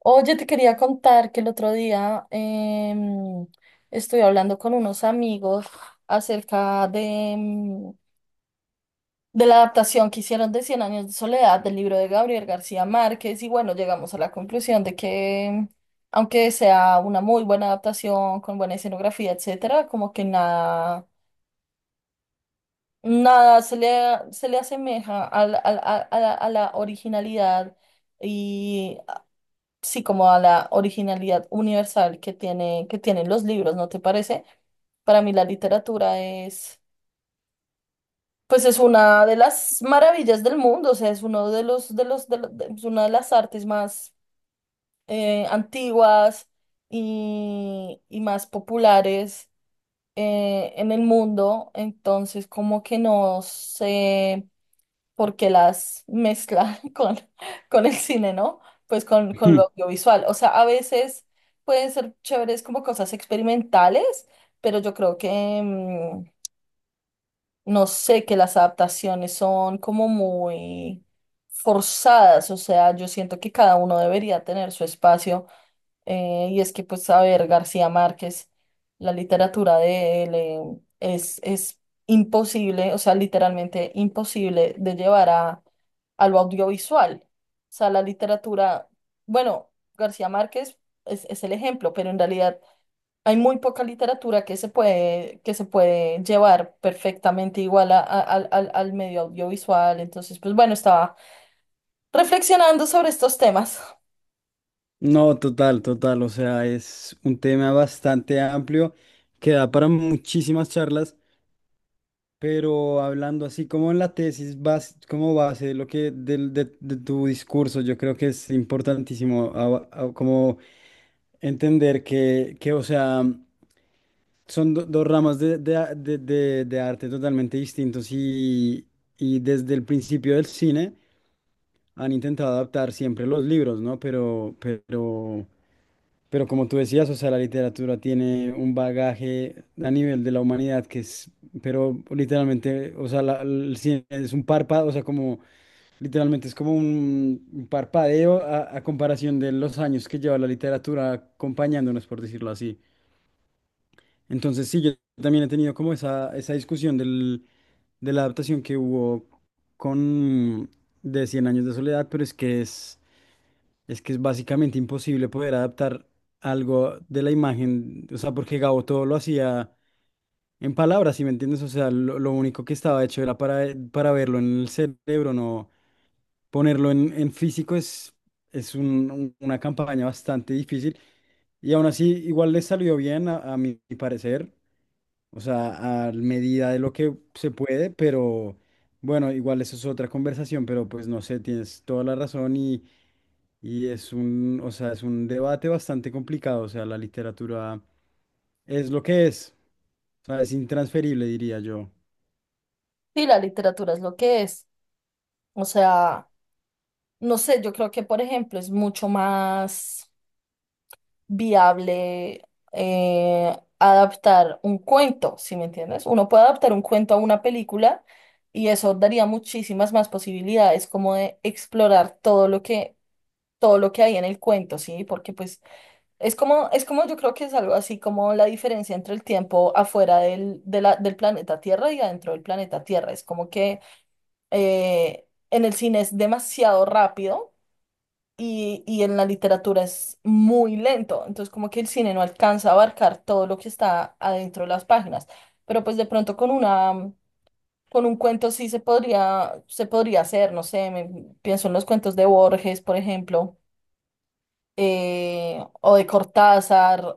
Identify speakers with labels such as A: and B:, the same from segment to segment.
A: Oye, te quería contar que el otro día estuve hablando con unos amigos acerca em, de la adaptación que hicieron de Cien años de soledad, del libro de Gabriel García Márquez. Y bueno, llegamos a la conclusión de que, aunque sea una muy buena adaptación con buena escenografía, etcétera, como que nada, nada se le asemeja a la originalidad, sí, como a la originalidad universal que tienen los libros, ¿no te parece? Para mí la literatura pues es una de las maravillas del mundo, o sea, es uno de los, de los, de lo- de- es una de las artes más antiguas y más populares en el mundo, entonces como que no sé, porque las mezcla con el cine, ¿no? Pues con, con
B: Hmm,
A: lo audiovisual. O sea, a veces pueden ser chéveres como cosas experimentales, pero yo creo que, no sé, que las adaptaciones son como muy forzadas. O sea, yo siento que cada uno debería tener su espacio. Y es que, pues, a ver, García Márquez, la literatura de él es imposible, o sea, literalmente imposible de llevar a lo audiovisual. O sea, la literatura, bueno, García Márquez es el ejemplo, pero en realidad hay muy poca literatura que se puede llevar perfectamente igual al medio audiovisual. Entonces, pues bueno, estaba reflexionando sobre estos temas.
B: No, total, total. O sea, es un tema bastante amplio que da para muchísimas charlas, pero hablando así como en la tesis, como base, de lo que del- de tu discurso, yo creo que es importantísimo como entender que, o sea, son dos ramas de, a- de- de arte totalmente distintos y desde el principio del cine han intentado adaptar siempre los libros, ¿no? Pero como tú decías, o sea, la literatura tiene un bagaje a nivel de la humanidad que es, pero literalmente, o sea, el cine es un párpado, o sea, como literalmente es como un parpadeo a comparación de los años que lleva la literatura acompañándonos, por decirlo así. Entonces, sí, yo también he tenido como esa discusión de la adaptación que hubo con de Cien años de soledad, Es que es básicamente imposible poder adaptar algo de la imagen, o sea, porque Gabo todo lo hacía en palabras, ¿si me entiendes? O sea, lo único que estaba hecho era para verlo en el cerebro, no ponerlo en físico es una campaña bastante difícil y aún así igual le salió bien a mi parecer, o sea, a medida de lo que se puede, pero bueno, igual eso es otra conversación, pero pues no sé, tienes toda la razón y... Y es un, o sea, es un debate bastante complicado, o sea, la literatura es lo que es, o sea, es intransferible, diría yo.
A: Sí, la literatura es lo que es. O sea, no sé, yo creo que, por ejemplo, es mucho más viable adaptar un cuento, ¿si me entiendes? Uno puede adaptar un cuento a una película y eso daría muchísimas más posibilidades como de explorar todo lo que, hay en el cuento, ¿sí? Porque pues es como yo creo que es algo así como la diferencia entre el tiempo afuera del planeta Tierra y adentro del planeta Tierra. Es como que en el cine es demasiado rápido y en la literatura es muy lento, entonces como que el cine no alcanza a abarcar todo lo que está adentro de las páginas, pero pues de pronto con un cuento sí se podría hacer, no sé, pienso en los cuentos de Borges, por ejemplo, o de Cortázar,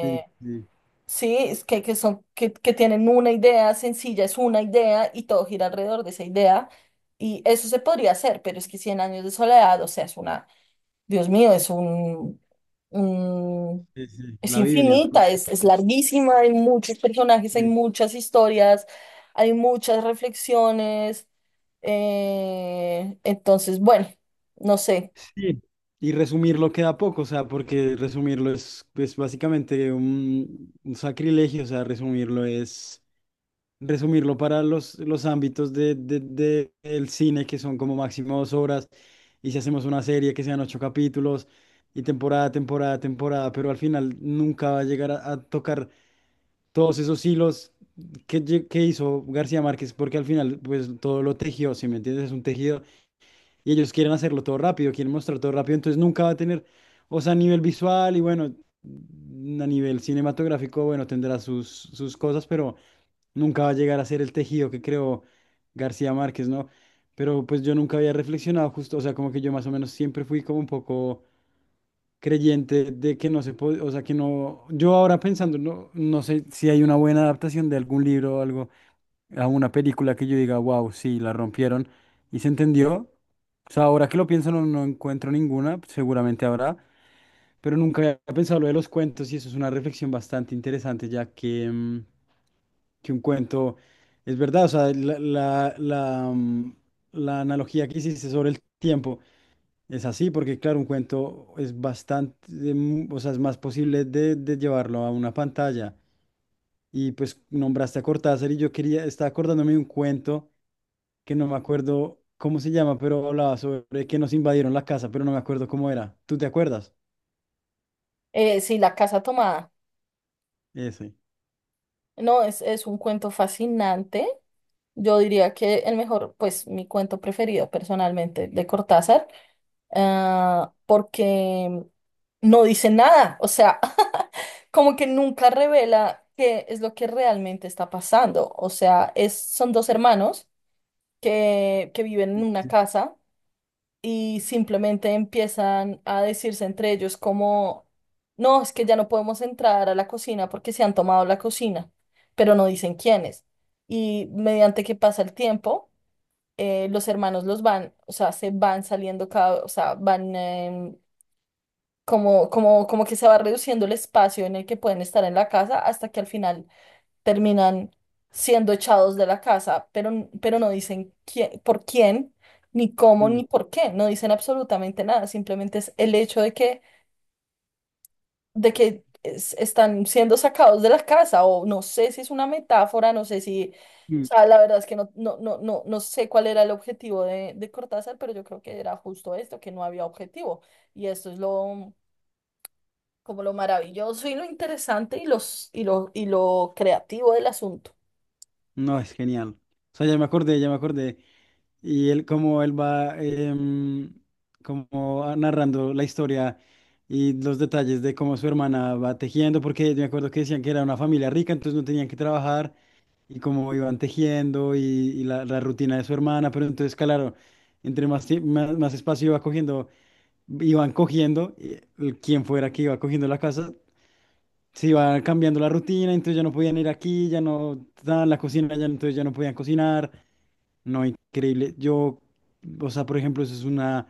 B: Sí, sí,
A: sí, es que, que tienen una idea sencilla, es una idea y todo gira alrededor de esa idea. Y eso se podría hacer, pero es que Cien años de soledad, o sea, es una, Dios mío, es un, mm,
B: sí, sí.
A: es
B: La Biblia.
A: infinita, es larguísima, hay muchos personajes, hay
B: Sí.
A: muchas historias, hay muchas reflexiones. Entonces, bueno, no sé.
B: Sí, y resumirlo queda poco, o sea, porque resumirlo es, pues, básicamente un sacrilegio, o sea, resumirlo es resumirlo para los ámbitos del cine, que son como máximo dos horas, y si hacemos una serie que sean ocho capítulos, y temporada, temporada, temporada, pero al final nunca va a llegar a tocar todos esos hilos que, que hizo García Márquez, porque al final pues todo lo tejió, si me entiendes, es un tejido, y ellos quieren hacerlo todo rápido, quieren mostrar todo rápido, entonces nunca va a tener, o sea, a nivel visual y bueno, a nivel cinematográfico, bueno, tendrá sus, sus cosas, pero... Nunca va a llegar a ser el tejido que creó García Márquez, ¿no? Pero pues yo nunca había reflexionado justo, o sea, como que yo más o menos siempre fui como un poco creyente de que no se puede, o sea, que no, yo ahora pensando, no, no sé si hay una buena adaptación de algún libro o algo a una película que yo diga, wow, sí, la rompieron y se entendió. O sea, ahora que lo pienso no, no encuentro ninguna, seguramente habrá, pero nunca había pensado lo de los cuentos y eso es una reflexión bastante interesante, ya que, que un cuento es verdad, o sea, la analogía que hiciste sobre el tiempo es así, porque claro, un cuento es bastante, o sea, es más posible de llevarlo a una pantalla y pues nombraste a Cortázar y yo quería, estaba acordándome de un cuento que no me acuerdo cómo se llama, pero hablaba sobre que nos invadieron la casa, pero no me acuerdo cómo era. ¿Tú te acuerdas?
A: Sí, La Casa Tomada.
B: Ese.
A: No, es un cuento fascinante. Yo diría que el mejor, pues mi cuento preferido personalmente de Cortázar, ah, porque no dice nada, o sea, como que nunca revela qué es lo que realmente está pasando. O sea, son dos hermanos que viven en una
B: Sí.
A: casa, y simplemente empiezan a decirse entre ellos como: "No, es que ya no podemos entrar a la cocina porque se han tomado la cocina", pero no dicen quiénes. Y mediante que pasa el tiempo los hermanos los van, o sea, se van saliendo cada, o sea, van como que se va reduciendo el espacio en el que pueden estar en la casa, hasta que al final terminan siendo echados de la casa, pero no dicen quién, por quién, ni cómo,
B: Mm.
A: ni por qué, no dicen absolutamente nada, simplemente es el hecho de que están siendo sacados de la casa, o no sé si es una metáfora, no sé si, o
B: Mm.
A: sea, la verdad es que no, no, no, no, no sé cuál era el objetivo de Cortázar, pero yo creo que era justo esto, que no había objetivo, y esto es lo, como lo maravilloso y lo interesante y lo creativo del asunto.
B: No, es genial. O sea, ya me acordé, ya me acordé. Y él, como él va como narrando la historia y los detalles de cómo su hermana va tejiendo, porque yo me acuerdo que decían que era una familia rica, entonces no tenían que trabajar y cómo iban tejiendo y, la rutina de su hermana, pero entonces, claro, entre más espacio iba cogiendo, iban cogiendo, y quien fuera que iba cogiendo la casa, se iba cambiando la rutina, entonces ya no podían ir aquí, ya no estaban en la cocina, ya, entonces ya no podían cocinar, no, increíble, yo, o sea, por ejemplo, eso es una,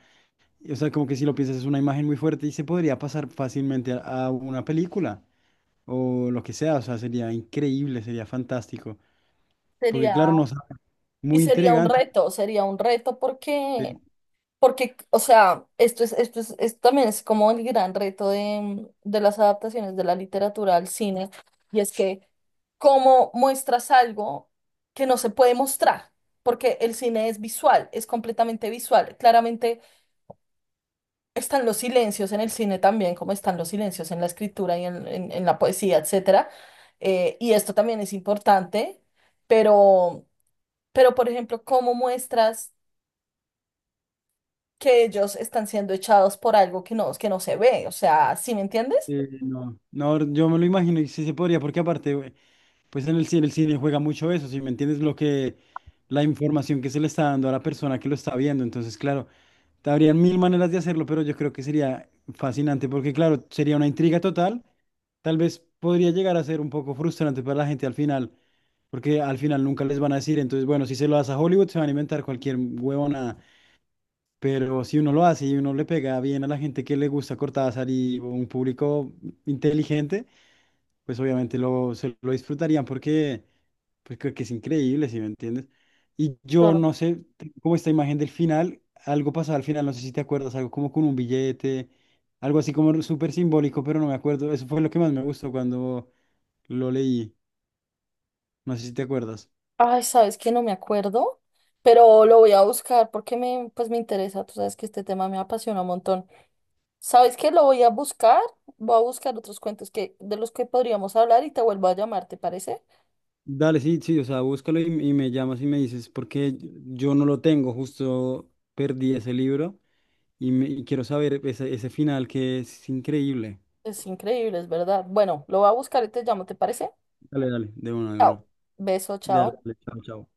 B: o sea, como que si lo piensas es una imagen muy fuerte y se podría pasar fácilmente a una película, o lo que sea, o sea, sería increíble, sería fantástico, porque claro,
A: Sería,
B: no,
A: y
B: muy
A: sería un
B: intrigante.
A: reto, sería un reto
B: Sí,
A: porque, o sea, esto es, esto también es como el gran reto de las adaptaciones de la literatura al cine, y es que cómo muestras algo que no se puede mostrar, porque el cine es visual, es completamente visual. Claramente están los silencios en el cine también, como están los silencios en la escritura y en la poesía, etcétera. Y esto también es importante, pero, por ejemplo, cómo muestras que ellos están siendo echados por algo que no se ve. O sea, ¿sí me entiendes?
B: no, no, yo me lo imagino y sí se podría, porque aparte, güey, pues en el cine juega mucho eso, si me entiendes lo que, la información que se le está dando a la persona que lo está viendo, entonces, claro, habrían mil maneras de hacerlo, pero yo creo que sería fascinante, porque claro, sería una intriga total, tal vez podría llegar a ser un poco frustrante para la gente al final, porque al final nunca les van a decir, entonces, bueno, si se lo das a Hollywood, se van a inventar cualquier huevona. Pero si uno lo hace y uno le pega bien a la gente que le gusta Cortázar y un público inteligente, pues obviamente lo, se lo disfrutarían porque pues creo que es increíble, ¿si me entiendes? Y yo
A: Claro.
B: no sé, como esta imagen del final, algo pasaba al final, no sé si te acuerdas, algo como con un billete, algo así como súper simbólico, pero no me acuerdo. Eso fue lo que más me gustó cuando lo leí, no sé si te acuerdas.
A: Ay, sabes que no me acuerdo, pero lo voy a buscar porque pues me interesa. Tú sabes que este tema me apasiona un montón. ¿Sabes que Lo voy a buscar. Voy a buscar otros cuentos de los que podríamos hablar, y te vuelvo a llamar, ¿te parece?
B: Dale, sí, sí, o sea, búscalo y me llamas y me dices, porque yo no lo tengo, justo perdí ese libro y, me, y quiero saber ese, ese final que es increíble.
A: Es increíble, es verdad. Bueno, lo voy a buscar y te llamo, ¿te parece?
B: Dale, dale, de una, de
A: Chao.
B: una.
A: Beso,
B: Dale,
A: chao.
B: dale, chao, chao.